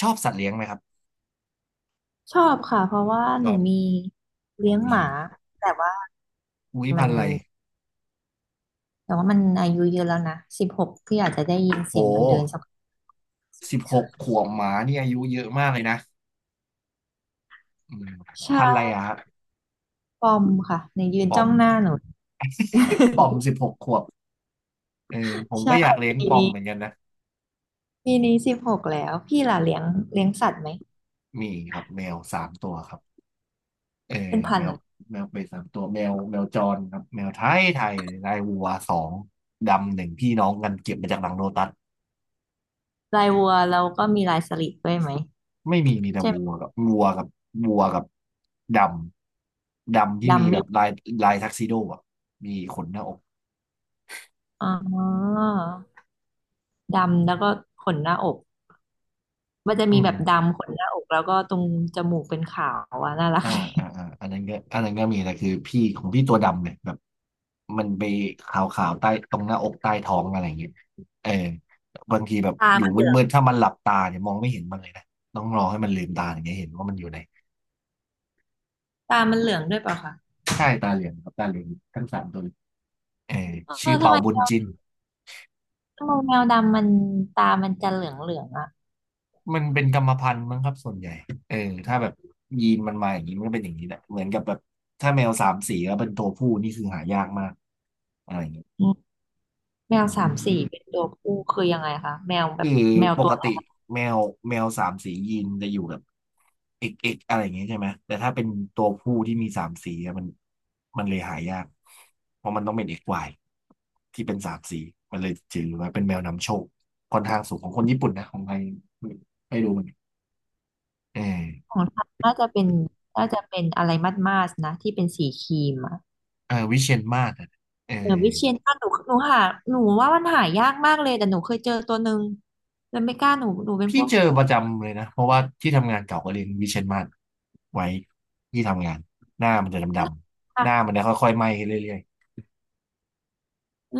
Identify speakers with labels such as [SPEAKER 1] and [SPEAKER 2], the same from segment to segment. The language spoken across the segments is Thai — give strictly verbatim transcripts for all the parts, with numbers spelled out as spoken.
[SPEAKER 1] ชอบสัตว์เลี้ยงไหมครับ
[SPEAKER 2] ชอบค่ะเพราะว่า
[SPEAKER 1] ช
[SPEAKER 2] หนู
[SPEAKER 1] อบ
[SPEAKER 2] มี
[SPEAKER 1] หนู
[SPEAKER 2] เลี้ยงห
[SPEAKER 1] มี
[SPEAKER 2] มาแต่ว่า
[SPEAKER 1] อุ้ย
[SPEAKER 2] มั
[SPEAKER 1] พั
[SPEAKER 2] น
[SPEAKER 1] นธุ์อะไร
[SPEAKER 2] แต่ว่ามันอายุเยอะแล้วนะสิบหกพี่อาจจะได้ยิน
[SPEAKER 1] โห
[SPEAKER 2] เสียงมันเดินสัก
[SPEAKER 1] สิบหกขวบหมานี่อายุเยอะมากเลยนะอืม
[SPEAKER 2] ใช่
[SPEAKER 1] พันธุ์อะไรอะครับ
[SPEAKER 2] ปอมค่ะในยืน
[SPEAKER 1] ปอ
[SPEAKER 2] จ้อ
[SPEAKER 1] ม
[SPEAKER 2] งหน้าหนู
[SPEAKER 1] ปอม สิบหกขวบเออผม
[SPEAKER 2] ใช่
[SPEAKER 1] ก็อยากเลี้ยง
[SPEAKER 2] ปี
[SPEAKER 1] ปอม
[SPEAKER 2] นี้
[SPEAKER 1] เหมือนกันนะ
[SPEAKER 2] ปีนี้สิบหกแล้วพี่ล่ะเลี้ยงเลี้ยงสัตว์ไหม
[SPEAKER 1] มีครับแมวสามตัวครับเออ
[SPEAKER 2] เป็นพัน
[SPEAKER 1] แม
[SPEAKER 2] ธุ์
[SPEAKER 1] ว
[SPEAKER 2] อะไ
[SPEAKER 1] แมวไปสามตัวแมวแมวจรครับแมวไทยไทยลายวัวสองดำหนึ่งพี่น้องกันเก็บมาจากหลังโลตัส
[SPEAKER 2] รลายวัวแล้วก็มีลายสลิดด้วยไหม
[SPEAKER 1] ไม่มีมีแต่
[SPEAKER 2] ใช่ไหม
[SPEAKER 1] วัวกับวัวกับวัวกับดำดำที่มี
[SPEAKER 2] ดำ
[SPEAKER 1] แบ
[SPEAKER 2] มิ
[SPEAKER 1] บลายลายทักซิโดอ่ะมีขนหน้าอก
[SPEAKER 2] อ๋อดำแล้วก็ขนหน้าอกมันจะ
[SPEAKER 1] อื
[SPEAKER 2] มี
[SPEAKER 1] ม
[SPEAKER 2] แบบดำขนหน้าอกแล้วก็ตรงจมูกเป็นขาวอ่ะน่ารัก
[SPEAKER 1] อ่าอ่าอ่าอันนั้นก็อันนั้นก็มีแต่คือพี่ของพี่ตัวดำเนี่ยแบบมันไปขาวๆใต้ตรงหน้าอกใต้ท้องอะไรอย่างเงี้ยเออบางทีแบบ
[SPEAKER 2] ตา
[SPEAKER 1] อยู่
[SPEAKER 2] มัน
[SPEAKER 1] มืดๆถ้ามันหลับตาเนี่ยมองไม่เห็นมันเลยนะต้องรอให้มันลืมตาอย่างเงี้ยเห็นว่ามันอยู่ไหน
[SPEAKER 2] ตามันเหลืองด้วยเปล่าคะ
[SPEAKER 1] ใช่ตาเหลืองครับตาเหลืองทั้งสามตัวเลยเออ
[SPEAKER 2] เอ
[SPEAKER 1] ชื่อ
[SPEAKER 2] อทำ
[SPEAKER 1] เปา
[SPEAKER 2] ไม
[SPEAKER 1] บุญ
[SPEAKER 2] แมว
[SPEAKER 1] จิน
[SPEAKER 2] แมวดำมันตามันจะเหลืองเหลืองอ่ะ
[SPEAKER 1] มันเป็นกรรมพันธุ์มั้งครับส่วนใหญ่เออถ้าแบบยีนมันมาอย่างนี้มันก็เป็นอย่างนี้แหละเหมือนกับแบบถ้าแมวสามสีแล้วเป็นตัวผู้นี่คือหายากมากอะไรอย่างเงี้ย
[SPEAKER 2] อืมแมว
[SPEAKER 1] อื
[SPEAKER 2] สาม
[SPEAKER 1] ม
[SPEAKER 2] สีเป็นตัวผู้คือยังไงคะแมวแบ
[SPEAKER 1] คื
[SPEAKER 2] บ
[SPEAKER 1] อ
[SPEAKER 2] แมว
[SPEAKER 1] ป
[SPEAKER 2] ตั
[SPEAKER 1] ก
[SPEAKER 2] วไหน
[SPEAKER 1] ติแมวแมวสามสียีนจะอยู่แบบเอกเอกอะไรอย่างเงี้ยใช่ไหมแต่ถ้าเป็นตัวผู้ที่มีสามสีอะมันมันเลยหายากเพราะมันต้องเป็นเอกวายที่เป็นสามสีมันเลยถือว่าเป็นแมวนำโชคค่อนข้างสูงของคนญี่ปุ่นนะของไทยไม่รู้เหมือนกันเออ
[SPEAKER 2] ของฉันน่าจะเป็นน่าจะเป็นอะไรมัดมาสนะที่เป็นสีครีมอะ
[SPEAKER 1] เออวิเชียรมาศอะเออ
[SPEAKER 2] เออวิเชียรนาถหนูหนูหาหนูว่ามันหายากมากเลยแต่หนูเคยเจอตัวหนึ่งแล้วไม่กล้าหนูหนูเป็นพ
[SPEAKER 1] พี่
[SPEAKER 2] วก
[SPEAKER 1] เจอประจำเลยนะเพราะว่าที่ทำงานเก่าก็เลี้ยงวิเชียรมาศไว้ที่ทำงานหน้ามันจะดำๆหน้า
[SPEAKER 2] อ่ะ
[SPEAKER 1] มันจะค่อยๆไหม้ขึ้นเรื่อย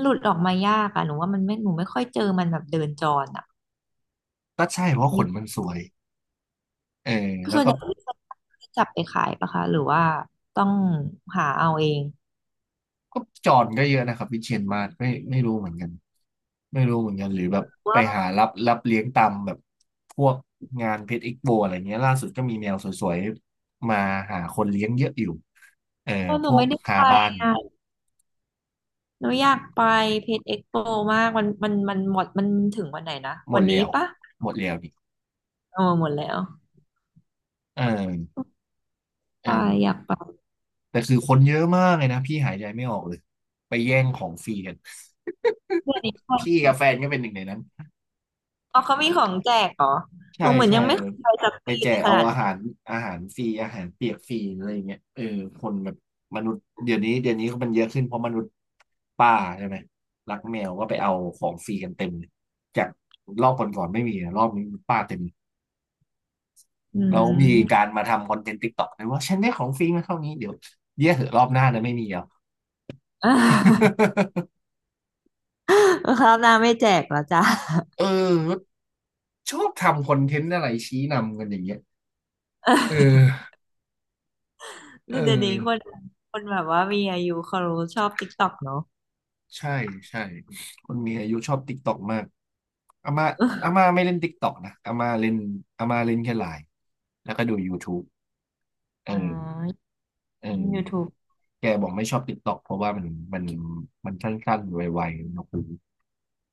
[SPEAKER 2] หลุดออกมายากอะหนูว่ามันไม่หนูไม่ค่อยเจอมันแบบเดินจรอะ
[SPEAKER 1] ๆก็ใช่เพราะข
[SPEAKER 2] มี
[SPEAKER 1] นมันสวยเออแล้
[SPEAKER 2] ส่
[SPEAKER 1] ว
[SPEAKER 2] วน
[SPEAKER 1] ก็
[SPEAKER 2] ใหญ่วิเชียรนาถจับไปขายปะคะหรือว่าต้องหาเอาเอง
[SPEAKER 1] ก็จอนก็เยอะนะครับวิเชียรมาศไม่ไม่รู้เหมือนกันไม่รู้เหมือนกันหรือแบบไป
[SPEAKER 2] ว่า
[SPEAKER 1] หารับรับเลี้ยงตามแบบพวกงานเพชรอีกโบอะไรเงี้ยล่าสุดก็มีแมวสวยๆมาหาคนเลี้ยงเยอะอยู่เออ
[SPEAKER 2] เออห
[SPEAKER 1] พ
[SPEAKER 2] นู
[SPEAKER 1] วก
[SPEAKER 2] ไม่ได้
[SPEAKER 1] คา
[SPEAKER 2] ไป
[SPEAKER 1] บ้าน
[SPEAKER 2] อ่ะหนูอยากไปเพชรเอ็กโปมากมันมันมันหมดมันถึงวันไหนนะ
[SPEAKER 1] หม
[SPEAKER 2] วั
[SPEAKER 1] ด
[SPEAKER 2] น
[SPEAKER 1] แล้
[SPEAKER 2] นี้
[SPEAKER 1] ว
[SPEAKER 2] ปะ
[SPEAKER 1] หมดแล้วนี่
[SPEAKER 2] เออหมดแล้ว
[SPEAKER 1] เออเอ
[SPEAKER 2] ไป
[SPEAKER 1] อ
[SPEAKER 2] อยากไป
[SPEAKER 1] แต่คือคนเยอะมากเลยนะพี่หายใจไม่ออกเลยไปแย่งของฟรีกัน
[SPEAKER 2] เพือนอี้ก่อ
[SPEAKER 1] พี่
[SPEAKER 2] น
[SPEAKER 1] กับแฟนก็เป็นหนึ่งในนั้น
[SPEAKER 2] อ๋อเขามีของแจกเหรอห
[SPEAKER 1] ใช่
[SPEAKER 2] นูเหมือน
[SPEAKER 1] ใช่
[SPEAKER 2] ยังไม่เคยไปสัก
[SPEAKER 1] ไป
[SPEAKER 2] ปี
[SPEAKER 1] แจ
[SPEAKER 2] ใน
[SPEAKER 1] ก
[SPEAKER 2] ข
[SPEAKER 1] เอา
[SPEAKER 2] นาด
[SPEAKER 1] อา
[SPEAKER 2] ที่
[SPEAKER 1] หารอาหารฟรีอาหารเปียกฟรีอะไรอย่างเงี้ยเออคนแบบมนุษย์เดี๋ยวนี้เดี๋ยวนี้เขามันเยอะขึ้นเพราะมนุษย์ป้าใช่ไหมรักแมวก็ไปเอาของฟรีกันเต็มเลยจากรอบก่อนๆไม่มีนะรอบนี้ป้าเต็ม
[SPEAKER 2] อื
[SPEAKER 1] แล้วมีกา
[SPEAKER 2] ม
[SPEAKER 1] รมาทำคอนเทนต์ติ๊กต็อกเลยว่าฉันได้ของฟรีมาเท่านี้เดี๋ยวเยี่ยเหอะรอบหน้านะไม่มีแล้ว
[SPEAKER 2] คราวหน้าไม่แจกแล้วจ้ะ
[SPEAKER 1] เออชอบทำคอนเทนต์อะไรชี้นำกันอย่างเงี้ยเอ อเอ
[SPEAKER 2] เดี๋ยวนี้
[SPEAKER 1] อ
[SPEAKER 2] คนคนแบบว่ามีอายุเขารู้ชอบติ๊กต็อกเนาะ
[SPEAKER 1] ใช่ใช่คนมีอายุชอบติ๊กต็อกมากอาม่าอาม่าไม่เล่นติ๊กต็อกนะอาม่าเล่นอาม่าเล่นแค่ไลน์แล้วก็ดู YouTube เออ
[SPEAKER 2] อ่า
[SPEAKER 1] เออ
[SPEAKER 2] YouTube
[SPEAKER 1] แกบอกไม่ชอบติ๊กต็อกเพราะว่ามันมันมันสั้นๆไวๆนะคุณ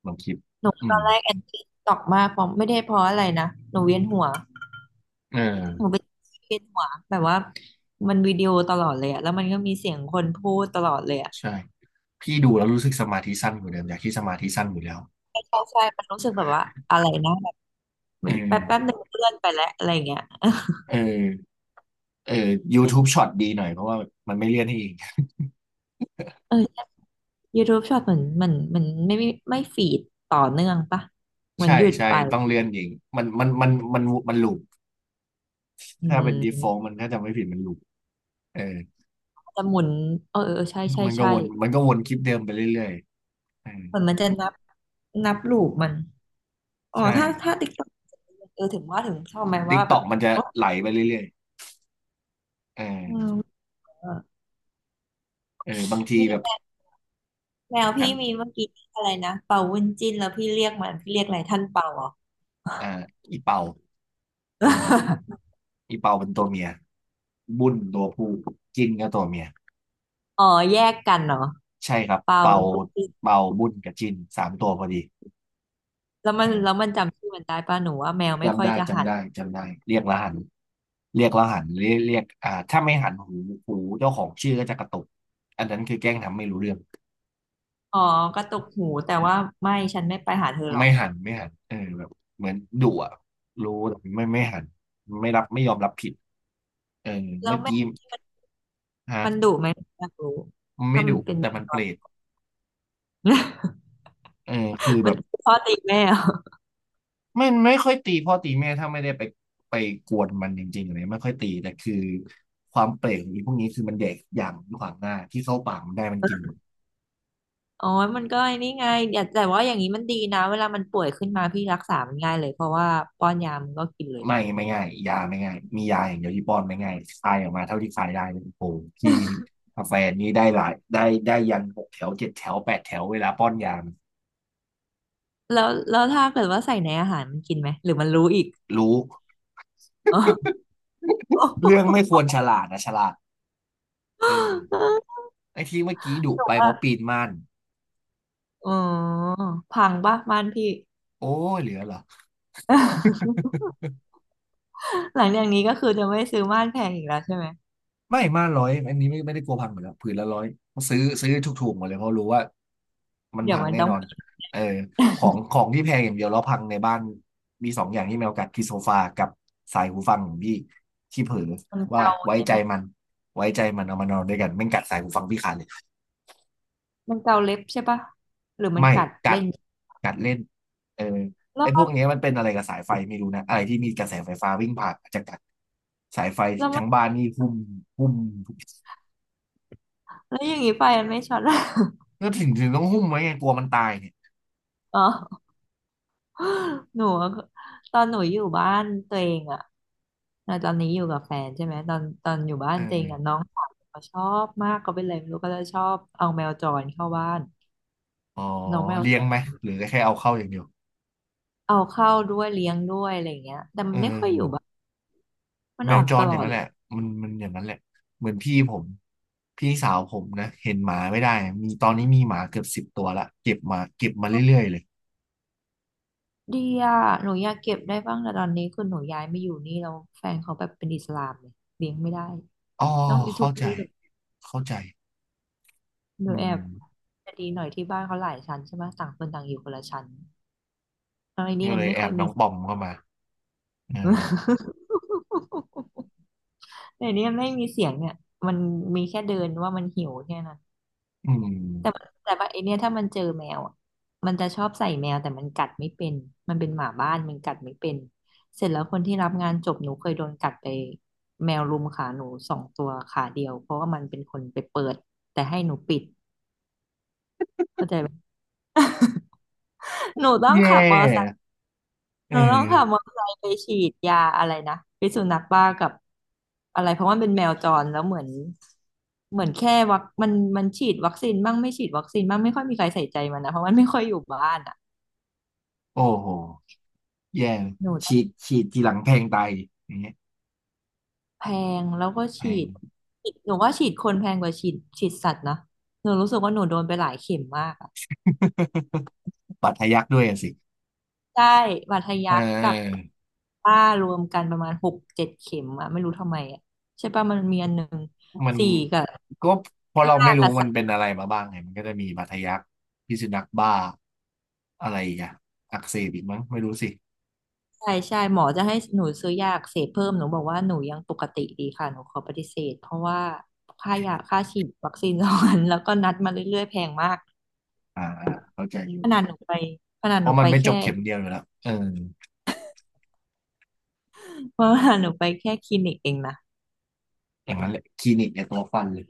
[SPEAKER 1] ลองคลิป
[SPEAKER 2] หนู
[SPEAKER 1] อื
[SPEAKER 2] ต
[SPEAKER 1] ม
[SPEAKER 2] อนแรกแอนตี้ตอกมากเพราะไม่ได้เพราะอะไรนะหนูเวียนหัว
[SPEAKER 1] เอ
[SPEAKER 2] หนู
[SPEAKER 1] อ
[SPEAKER 2] เป็นเวียนหัวแบบว่ามันวิดีโอตลอดเลยอะแล้วมันก็มีเสียงคนพูดตลอดเลยอะ
[SPEAKER 1] ใช่พี่ดูแล้วรู้สึกสมาธิสั้นอยู่เดิมอยากที่สมาธิสั้นอยู่แล้ว
[SPEAKER 2] ใช่ใช่ใช่มันรู้สึกแบบว่าอะไรนะแบบ
[SPEAKER 1] เอ
[SPEAKER 2] มันแป๊บแป๊บ
[SPEAKER 1] อ
[SPEAKER 2] หนึ่งเลื่อนไปแล้วอะไรอย่างเงี้ย
[SPEAKER 1] เออ เออ
[SPEAKER 2] ไม่
[SPEAKER 1] YouTube ช็อตดีหน่อยเพราะว่ามันไม่เลื่อนให้เอง
[SPEAKER 2] เออ YouTube ชอบเหมือนเหมือนเหมือนไม่ไม่ไม่ฟีดต่อเนื่องปะเห มือ
[SPEAKER 1] ใช่
[SPEAKER 2] นหยุด
[SPEAKER 1] ใช่
[SPEAKER 2] ไป
[SPEAKER 1] ต้องเลื่อนเองมันมันมันมันมันลูป
[SPEAKER 2] อื
[SPEAKER 1] ถ้าเป็น default
[SPEAKER 2] ม
[SPEAKER 1] มันถ้าจำไม่ผิดมันลูปเออ
[SPEAKER 2] จะหมุนเออเออเออใช่ใช่
[SPEAKER 1] มันก็
[SPEAKER 2] ใช่
[SPEAKER 1] วนมันก็วนคลิปเดิมไปเรื่อยๆเออ
[SPEAKER 2] เหมือนมันจะนับนับลูปมันอ๋อ
[SPEAKER 1] ใช่
[SPEAKER 2] ถ้าถ้าติ๊กต็อกเออถึงว่าถึงชอบไหมว่าแบบ
[SPEAKER 1] TikTok มันจะ
[SPEAKER 2] อ๋อ
[SPEAKER 1] ไหลไปเรื่อยๆเอ
[SPEAKER 2] อืม
[SPEAKER 1] อ
[SPEAKER 2] เออ
[SPEAKER 1] เออบางที
[SPEAKER 2] มี
[SPEAKER 1] แบบ
[SPEAKER 2] แมว
[SPEAKER 1] อั
[SPEAKER 2] พี่
[SPEAKER 1] น
[SPEAKER 2] มีเมื่อกี้อะไรนะเป่าวุ้นจิ้นแล้วพี่เรียกมันพี่เรียกอะไรท่านเป่าเหรอ
[SPEAKER 1] อ่าอีเป่าเออ อีเปาเป็นตัวเมียบุ้นตัวผู้จิ้นก็ตัวเมีย
[SPEAKER 2] อ๋อแยกกันเหรอ
[SPEAKER 1] ใช่ครับ
[SPEAKER 2] เป่า
[SPEAKER 1] เปา
[SPEAKER 2] วุ้นจิ้น
[SPEAKER 1] เป่าบุ้นกับจิ้นสามตัวพอดี
[SPEAKER 2] แล้วมั
[SPEAKER 1] เอ
[SPEAKER 2] น
[SPEAKER 1] อ
[SPEAKER 2] แล้วมันจำชื่อมันได้ป่ะหนูว่าแมวไม่ค่
[SPEAKER 1] จำ
[SPEAKER 2] อย
[SPEAKER 1] ได้
[SPEAKER 2] จะหั
[SPEAKER 1] จำ
[SPEAKER 2] น
[SPEAKER 1] ได้จำได้เรียกแล้วหันเรียกแล้วหันเรียกเรียกอ่าถ้าไม่หันหูหูเจ้าของชื่อก็จะกระตุกอันนั้นคือแกล้งทำไม่รู้เรื่อง
[SPEAKER 2] อ๋อกระตุกหูแต่ว่าไม่ฉันไม่ไปหาเธอหรอ
[SPEAKER 1] ไม่
[SPEAKER 2] ก
[SPEAKER 1] หันไม่หันเออแบบเหมือนดุอ่ะรู้แต่ไม่ไม่หันไม่รับไม่ยอมรับผิดเออ
[SPEAKER 2] แล้
[SPEAKER 1] เมื่
[SPEAKER 2] ว
[SPEAKER 1] อ
[SPEAKER 2] แม
[SPEAKER 1] กี้
[SPEAKER 2] วนี่มันมัน
[SPEAKER 1] ฮะ
[SPEAKER 2] ดุไหมอยากรู้
[SPEAKER 1] มันไม่
[SPEAKER 2] ถ้ามั
[SPEAKER 1] ดุ
[SPEAKER 2] นเป็นแม
[SPEAKER 1] แต่
[SPEAKER 2] ว
[SPEAKER 1] มัน
[SPEAKER 2] จ
[SPEAKER 1] เปร
[SPEAKER 2] ร
[SPEAKER 1] ต เออคือ
[SPEAKER 2] มั
[SPEAKER 1] แบ
[SPEAKER 2] น
[SPEAKER 1] บ
[SPEAKER 2] พ่อตีแม่เหรอ
[SPEAKER 1] ไม่ไม่ค่อยตีพ่อตีแม่ถ้าไม่ได้ไปไปกวนมันจริงๆอะไรไม่ค่อยตีแต่คือความเปรตของไอพวกนี้คือมันแดกอย่างขวางหน้าที่เข้าปากมันได้มันกินหมด
[SPEAKER 2] อ๋อมันก็ไอ้นี่ไงแต่แต่ว่าอย่างนี้มันดีนะเวลามันป่วยขึ้นมาพี่รักษามันง่ายเลยเพราะว่าป้อนยามันก็กินเลย
[SPEAKER 1] ไม่ไม่ง่ายยาไม่ง่ายมียาอย่างเดียวที่ป้อนไม่ง่ายคายออกมาเท่าที่คายได้เลยโอ้โหที่กาแฟนี้ได้หลายได้ได้ยันหกแถวเจ็ดแถวแปดแถวเวลาป้อนยามัน
[SPEAKER 2] แล้วแล้วถ้าเกิดว่าใส่ในอาหารมันกินไหมหรือมันรู้อีก
[SPEAKER 1] รู้
[SPEAKER 2] อ๋อ
[SPEAKER 1] เรื่องไม่ค วรฉลาดนะฉลาดเออไอ้ที่เมื่อกี้ดุ
[SPEAKER 2] แบ
[SPEAKER 1] ไป
[SPEAKER 2] บ
[SPEAKER 1] เพ
[SPEAKER 2] ว่า
[SPEAKER 1] ราะปีนม่าน
[SPEAKER 2] อ๋อพังปะม่านพี่
[SPEAKER 1] โอ้ยเหลือเหรอ
[SPEAKER 2] หลังจากนี้ก็คือจะไม่ซื้อม่านแพงอีกแล้วใช่ไหม
[SPEAKER 1] ไม่มาร้อยอันนี้ไม่ไม่ได้กลัวพังหมดแล้วผืนละร้อยซื้อซื้อถูกๆหมดเลยเพราะรู้ว่ามัน
[SPEAKER 2] เดี๋ยว
[SPEAKER 1] พัง
[SPEAKER 2] มัน
[SPEAKER 1] แน่
[SPEAKER 2] ต้อ
[SPEAKER 1] น
[SPEAKER 2] ง
[SPEAKER 1] อน
[SPEAKER 2] ปิด
[SPEAKER 1] เออของของที่แพงอย่างเดียวแล้วพังในบ้านมีสองอย่างที่แมวกัดคือโซฟากับสายหูฟังของพี่ที่เผลอ
[SPEAKER 2] มัน
[SPEAKER 1] ว่า
[SPEAKER 2] เกา
[SPEAKER 1] ไว้
[SPEAKER 2] ใช่
[SPEAKER 1] ใจ
[SPEAKER 2] ไหม
[SPEAKER 1] มันไว้ใจมันเอามานอนด้วยกันแม่งกัดสายหูฟังพี่ขาดเลย
[SPEAKER 2] มันเกาเล็บใช่ปะหรือมัน
[SPEAKER 1] ไม่
[SPEAKER 2] กัด
[SPEAKER 1] กั
[SPEAKER 2] เล่
[SPEAKER 1] ด
[SPEAKER 2] น
[SPEAKER 1] กัดเล่นเออ
[SPEAKER 2] แล้
[SPEAKER 1] ไอ้
[SPEAKER 2] ว
[SPEAKER 1] พวกเนี้ยมันเป็นอะไรกับสายไฟไม่รู้นะอะไรที่มีกระแสไฟฟ้าวิ่งผ่านอาจจะกัดสายไฟ
[SPEAKER 2] แล้วมั
[SPEAKER 1] ทั้
[SPEAKER 2] น
[SPEAKER 1] งบ้านนี่หุ้มหุ้มทุก
[SPEAKER 2] แล้วอย่างนี้ไปมันไม่ช็อต ละ
[SPEAKER 1] ก็ถึงถึงต้องหุ้มไว้ไงกลัวมันตายเนี่ย
[SPEAKER 2] อ๋อ หนูอะตอนหนูอยู่บ้านตัวเองอะอ่ะตอนนี้อยู่กับแฟนใช่ไหมตอนตอนอยู่บ้าน
[SPEAKER 1] เอ
[SPEAKER 2] ตัวเอง
[SPEAKER 1] อ
[SPEAKER 2] อะน้องสาวเขาชอบมากเขาเป็นอะไรไม่รู้ก็จะชอบเอาแมวจรเข้าบ้าน
[SPEAKER 1] อ๋อ
[SPEAKER 2] น้องแมว
[SPEAKER 1] เลี้
[SPEAKER 2] จ
[SPEAKER 1] ยงไหม
[SPEAKER 2] ร
[SPEAKER 1] หรือแค่เอาเข้าอย่างเดียว
[SPEAKER 2] เอาเข้าด้วยเลี้ยงด้วยอะไรอย่างเงี้ยแต่
[SPEAKER 1] เอ
[SPEAKER 2] มันไม่ค่อยอยู่
[SPEAKER 1] อ
[SPEAKER 2] บ้านมัน
[SPEAKER 1] แม
[SPEAKER 2] อ
[SPEAKER 1] ว
[SPEAKER 2] อก
[SPEAKER 1] จ
[SPEAKER 2] ต
[SPEAKER 1] รอ
[SPEAKER 2] ล
[SPEAKER 1] ย่า
[SPEAKER 2] อ
[SPEAKER 1] ง
[SPEAKER 2] ด
[SPEAKER 1] นั้น
[SPEAKER 2] เล
[SPEAKER 1] แห
[SPEAKER 2] ย
[SPEAKER 1] ละมันมันอย่างนั้นแหละเหมือนพี่ผมพี่สาวผมนะเห็นหมาไม่ได้มีตอนนี้มีหมาเกือบสิบตัวละเก็บมาเก็บมาเรื่อยๆเลย
[SPEAKER 2] ดีอะหนูอยากเก็บได้บ้างแต่ตอนนี้คือหนูย้ายมาอยู่นี่แล้วแฟนเขาแบบเป็นอิสลามเลยเลี้ยงไม่ได้
[SPEAKER 1] อ๋อเข้าใจเข้าใจ
[SPEAKER 2] ห
[SPEAKER 1] อื
[SPEAKER 2] นูแอบ
[SPEAKER 1] ม
[SPEAKER 2] จะดีหน่อยที่บ้านเขาหลายชั้นใช่ไหมต่างคนต่างอยู่คนละชั้นตอนนี้
[SPEAKER 1] ก็
[SPEAKER 2] มั
[SPEAKER 1] เล
[SPEAKER 2] น
[SPEAKER 1] ย
[SPEAKER 2] ไม่
[SPEAKER 1] แอ
[SPEAKER 2] ค่อ
[SPEAKER 1] บ
[SPEAKER 2] ย
[SPEAKER 1] น้
[SPEAKER 2] มี
[SPEAKER 1] องปอมเข้ามาเออ
[SPEAKER 2] แต่นี่มันไม่มีเสียงเนี่ยมันมีแค่เดินว่ามันหิวแค่นั้น
[SPEAKER 1] อื
[SPEAKER 2] แต่มั
[SPEAKER 1] ม
[SPEAKER 2] นแต่ว่าไอเนี่ยถ้ามันเจอแมวอะมันจะชอบใส่แมวแต่มันกัดไม่เป็นมันเป็นหมาบ้านมันกัดไม่เป็นเสร็จแล้วคนที่รับงานจบหนูเคยโดนกัดไปแมวรุมขาหนูสองตัวขาเดียวเพราะว่ามันเป็นคนไปเปิดแต่ให้หนูปิดเข้าใจไหม หนูต้อง
[SPEAKER 1] แย
[SPEAKER 2] ขับมอ
[SPEAKER 1] ่
[SPEAKER 2] ไซ์
[SPEAKER 1] เอ
[SPEAKER 2] เออต้องขับมอ
[SPEAKER 1] อ
[SPEAKER 2] เตอร์ไซค์ไปฉีดยาอะไรนะพิษสุนัขบ้ากับอะไรเพราะว่ามันเป็นแมวจรแล้วเหมือนเหมือนแค่วัคมันมันฉีดวัคซีนบ้างไม่ฉีดวัคซีนบ้างไม่ค่อยมีใครใส่ใจมันนะเพราะมันไม่ค่อยอยู่บ้านอ่ะ
[SPEAKER 1] โอ้โหแย่
[SPEAKER 2] หนูต้อ
[SPEAKER 1] ฉี
[SPEAKER 2] ง
[SPEAKER 1] ดฉีดทีหลังแพงตายอย่างเงี้ย
[SPEAKER 2] แพงแล้วก็
[SPEAKER 1] แพ
[SPEAKER 2] ฉี
[SPEAKER 1] ง
[SPEAKER 2] ดฉีดหนูว่าฉีดคนแพงกว่าฉีดฉีดสัตว์นะหนูรู้สึกว่าหนูโดนไปหลายเข็มมากอะ
[SPEAKER 1] บัตรทะยักด้วยอะสิ
[SPEAKER 2] ใช่บาดทะ
[SPEAKER 1] เอ
[SPEAKER 2] ยักกับ
[SPEAKER 1] อ
[SPEAKER 2] ป้ารวมกันประมาณหกเจ็ดเข็มอะไม่รู้ทำไมอะใช่ป่ะมันมีอันหนึ่ง
[SPEAKER 1] มัน
[SPEAKER 2] สี่กับ
[SPEAKER 1] ก็เพราะเรา
[SPEAKER 2] ห้า
[SPEAKER 1] ไม่รู้
[SPEAKER 2] กั
[SPEAKER 1] มันเป็
[SPEAKER 2] บ
[SPEAKER 1] นอะไรมาบ้างไงมันก็จะมีบาดทะยักพิษสุนัขบ้าอะไรอีกอ่ะอักเสบอีกมั้งไม่รู้สิ
[SPEAKER 2] ใช่ใช่หมอจะให้หนูซื้อยาอักเสพเพิ่มหนูบอกว่าหนูยังปกติดีค่ะหนูขอปฏิเสธเพราะว่าค่ายาค่าฉีดวัคซีนสองอัน แล้วก็นัดมาเรื่อยๆแพงมาก
[SPEAKER 1] อ่าอ่าเข้าใจอยู่
[SPEAKER 2] ขนาดหนูไปขนาด
[SPEAKER 1] เพ
[SPEAKER 2] หนู
[SPEAKER 1] ราะมั
[SPEAKER 2] ไป
[SPEAKER 1] นไม่จ
[SPEAKER 2] แค่
[SPEAKER 1] บเข็มเดียวอยู่แล้วเออ
[SPEAKER 2] เพราะว่าหนูไปแค่คลินิกเองนะ
[SPEAKER 1] อย่างนั้นแหละคลินิกเนี่ยตัวฟันเลย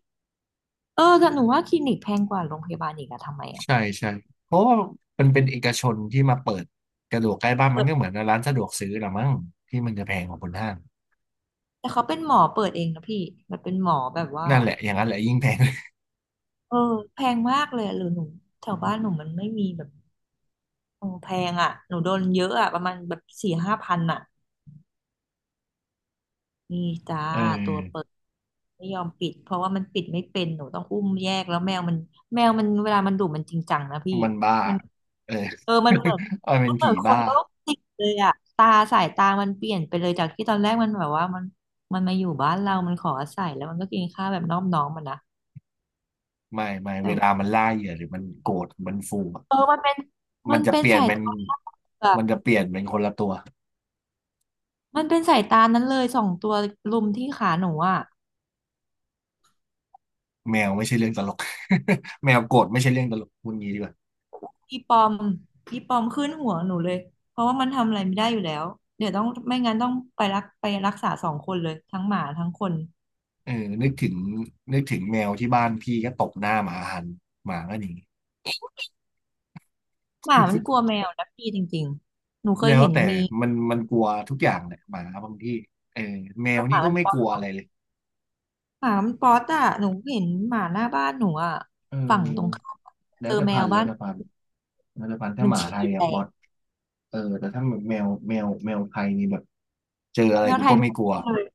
[SPEAKER 2] เออแต่หนูว่าคลินิกแพงกว่าโรงพยาบาลอีกอะทำไมอะ
[SPEAKER 1] ใช่ใช่เพราะว่ามันเป็นเอกชนที่มาเปิดกระดูกใกล้บ้านมั
[SPEAKER 2] เปิ
[SPEAKER 1] นก็เหมือ
[SPEAKER 2] ด
[SPEAKER 1] นร้านสะดวกซื้อละมั้งที่มันจะแพงกว่าบนห้าง
[SPEAKER 2] แต่เขาเป็นหมอเปิดเองนะพี่มันเป็นหมอแบบว่า
[SPEAKER 1] นั่นแหละอย่างนั้นแหละยิ่งแพง
[SPEAKER 2] เออแพงมากเลยอะหรือหนูแถวบ้านหนูมันไม่มีแบบโอ้แพงอะหนูโดนเยอะอะประมาณแบบสี่ห้าพันอะ นี่จ้า
[SPEAKER 1] เอ
[SPEAKER 2] ตัวเปิ
[SPEAKER 1] อ
[SPEAKER 2] ดไม่ยอมปิดเพราะว่ามันปิดไม่เป็นหนูต้องอุ้มแยกแล้วแมวมันแมวมันเวลามันดุมันจริงจังนะพี่
[SPEAKER 1] มันบ้า
[SPEAKER 2] มัน
[SPEAKER 1] เออ
[SPEAKER 2] เออมันเหมือน
[SPEAKER 1] เอาเป็
[SPEAKER 2] มั
[SPEAKER 1] น
[SPEAKER 2] นเหมื
[SPEAKER 1] ผี
[SPEAKER 2] อนค
[SPEAKER 1] บ้า
[SPEAKER 2] นโรคจิตเลยอะตาสายตามันเปลี่ยนไปเลยจากที่ตอนแรกมันแบบว่ามันมันมาอยู่บ้านเรามันขออาศัยแล้วมันก็กินข้าวแบบนอบน้อมมันนะ
[SPEAKER 1] ไม่ไม่เว
[SPEAKER 2] แต่ว่า
[SPEAKER 1] ลามันล่าเหยื่อหรือมันโกรธมันฟูอะ
[SPEAKER 2] เออมันเป็น
[SPEAKER 1] มั
[SPEAKER 2] มั
[SPEAKER 1] น
[SPEAKER 2] น
[SPEAKER 1] จะ
[SPEAKER 2] เป็น
[SPEAKER 1] เปลี่ยน
[SPEAKER 2] สาย
[SPEAKER 1] เป็น
[SPEAKER 2] ตาอะ
[SPEAKER 1] มันจะเปลี่ยนเป็นคนละตัว
[SPEAKER 2] มันเป็นสายตานั้นเลยสองตัวลุมที่ขาหนูอะ
[SPEAKER 1] แมวไม่ใช่เรื่องตลก แมวโกรธไม่ใช่เรื่องตลกพูดงี้ดีกว่า
[SPEAKER 2] อีปอมอีปอมขึ้นหัวหนูเลยเพราะว่ามันทำอะไรไม่ได้อยู่แล้วเดี๋ยวต้องไม่งั้นต้องไปรักไปรักษาสองคนเลยทั้งหมาทั้งคน
[SPEAKER 1] เออนึกถึงนึกถึงแมวที่บ้านพี่ก็ตบหน้าหมาหันหมาก็หนี
[SPEAKER 2] หมามันกลัว แมวนะพี่จริงๆหนูเคย
[SPEAKER 1] แล้ว
[SPEAKER 2] เห็น
[SPEAKER 1] แต่
[SPEAKER 2] มี
[SPEAKER 1] มันมันกลัวทุกอย่างแหละหมาบางที่เออแม
[SPEAKER 2] เอ
[SPEAKER 1] ว
[SPEAKER 2] อห
[SPEAKER 1] นี่
[SPEAKER 2] มา
[SPEAKER 1] ก็
[SPEAKER 2] มัน
[SPEAKER 1] ไม่
[SPEAKER 2] ป๊อ
[SPEAKER 1] กลัว
[SPEAKER 2] ต
[SPEAKER 1] อะไรเลย
[SPEAKER 2] หมามันป๊อตอ่ะหนูเห็นหมาหน้าบ้านหนูอ่ะ
[SPEAKER 1] เ
[SPEAKER 2] ฝั่งตรง
[SPEAKER 1] ออ
[SPEAKER 2] ข้ามอะ
[SPEAKER 1] แล้
[SPEAKER 2] เจ
[SPEAKER 1] ว
[SPEAKER 2] อ
[SPEAKER 1] แต่
[SPEAKER 2] แม
[SPEAKER 1] พั
[SPEAKER 2] ว
[SPEAKER 1] นธุ์แล้
[SPEAKER 2] บ้า
[SPEAKER 1] ว
[SPEAKER 2] น
[SPEAKER 1] แต่พันธุ์แล้วแต่พันธุ์ถ้า
[SPEAKER 2] มัน
[SPEAKER 1] หมา
[SPEAKER 2] ฉี่
[SPEAKER 1] ไทย
[SPEAKER 2] แต
[SPEAKER 1] อะบอ
[SPEAKER 2] ก
[SPEAKER 1] ทเออแต่ถ้าแมวแมวแมวไทยนี่แบบเจออะไร
[SPEAKER 2] แมว
[SPEAKER 1] กู
[SPEAKER 2] ไท
[SPEAKER 1] ก็
[SPEAKER 2] ยไม่
[SPEAKER 1] ไม่
[SPEAKER 2] ป
[SPEAKER 1] กลัว
[SPEAKER 2] ๊อตเลย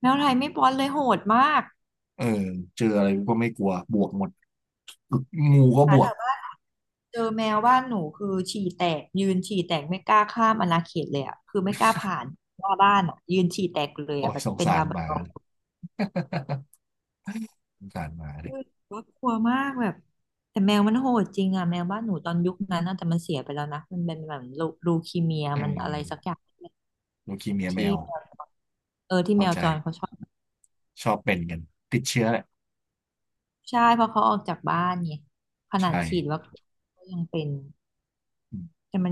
[SPEAKER 2] แมวไทยไม่ป๊อตเลยโหดมาก
[SPEAKER 1] เออเจออะไรก็ไม่กลัวบวกหมดงูก็
[SPEAKER 2] ห
[SPEAKER 1] บ
[SPEAKER 2] มา
[SPEAKER 1] ว
[SPEAKER 2] แถ
[SPEAKER 1] ก
[SPEAKER 2] ว เจอแมวบ้านหนูคือฉี่แตกยืนฉี่แตกไม่กล้าข้ามอาณาเขตเลยอ่ะคือไม่กล้าผ่านหน้าบ้านอ่ะยืนฉี่แตกเลย
[SPEAKER 1] โอ้
[SPEAKER 2] อ่ะ
[SPEAKER 1] ย
[SPEAKER 2] แบบ
[SPEAKER 1] สง
[SPEAKER 2] เป็น
[SPEAKER 1] สา
[SPEAKER 2] ลา
[SPEAKER 1] ร
[SPEAKER 2] บ
[SPEAKER 1] ห
[SPEAKER 2] ราด
[SPEAKER 1] มา
[SPEAKER 2] อร์
[SPEAKER 1] สงสารหมาดิ
[SPEAKER 2] คือว่ากลัวมากแบบแต่แมวมันโหดจริงอ่ะแมวบ้านหนูตอนยุคนั้นน่ะแต่มันเสียไปแล้วนะมันเป็นแบบลูลูคีเมีย
[SPEAKER 1] เออ
[SPEAKER 2] มันอะไรสักอย่าง
[SPEAKER 1] ลูคีเมียแม
[SPEAKER 2] ที่
[SPEAKER 1] ว
[SPEAKER 2] แมวเออที่
[SPEAKER 1] เข้า
[SPEAKER 2] แมว
[SPEAKER 1] ใจ
[SPEAKER 2] จรเขาชอบ
[SPEAKER 1] ชอบเป็นกันติดเชื้อแหละ
[SPEAKER 2] ใช่เพราะเขาออกจากบ้านไงขนาด
[SPEAKER 1] ใช่
[SPEAKER 2] ฉีดวัคซีนก็ยังเป็นแต่มัน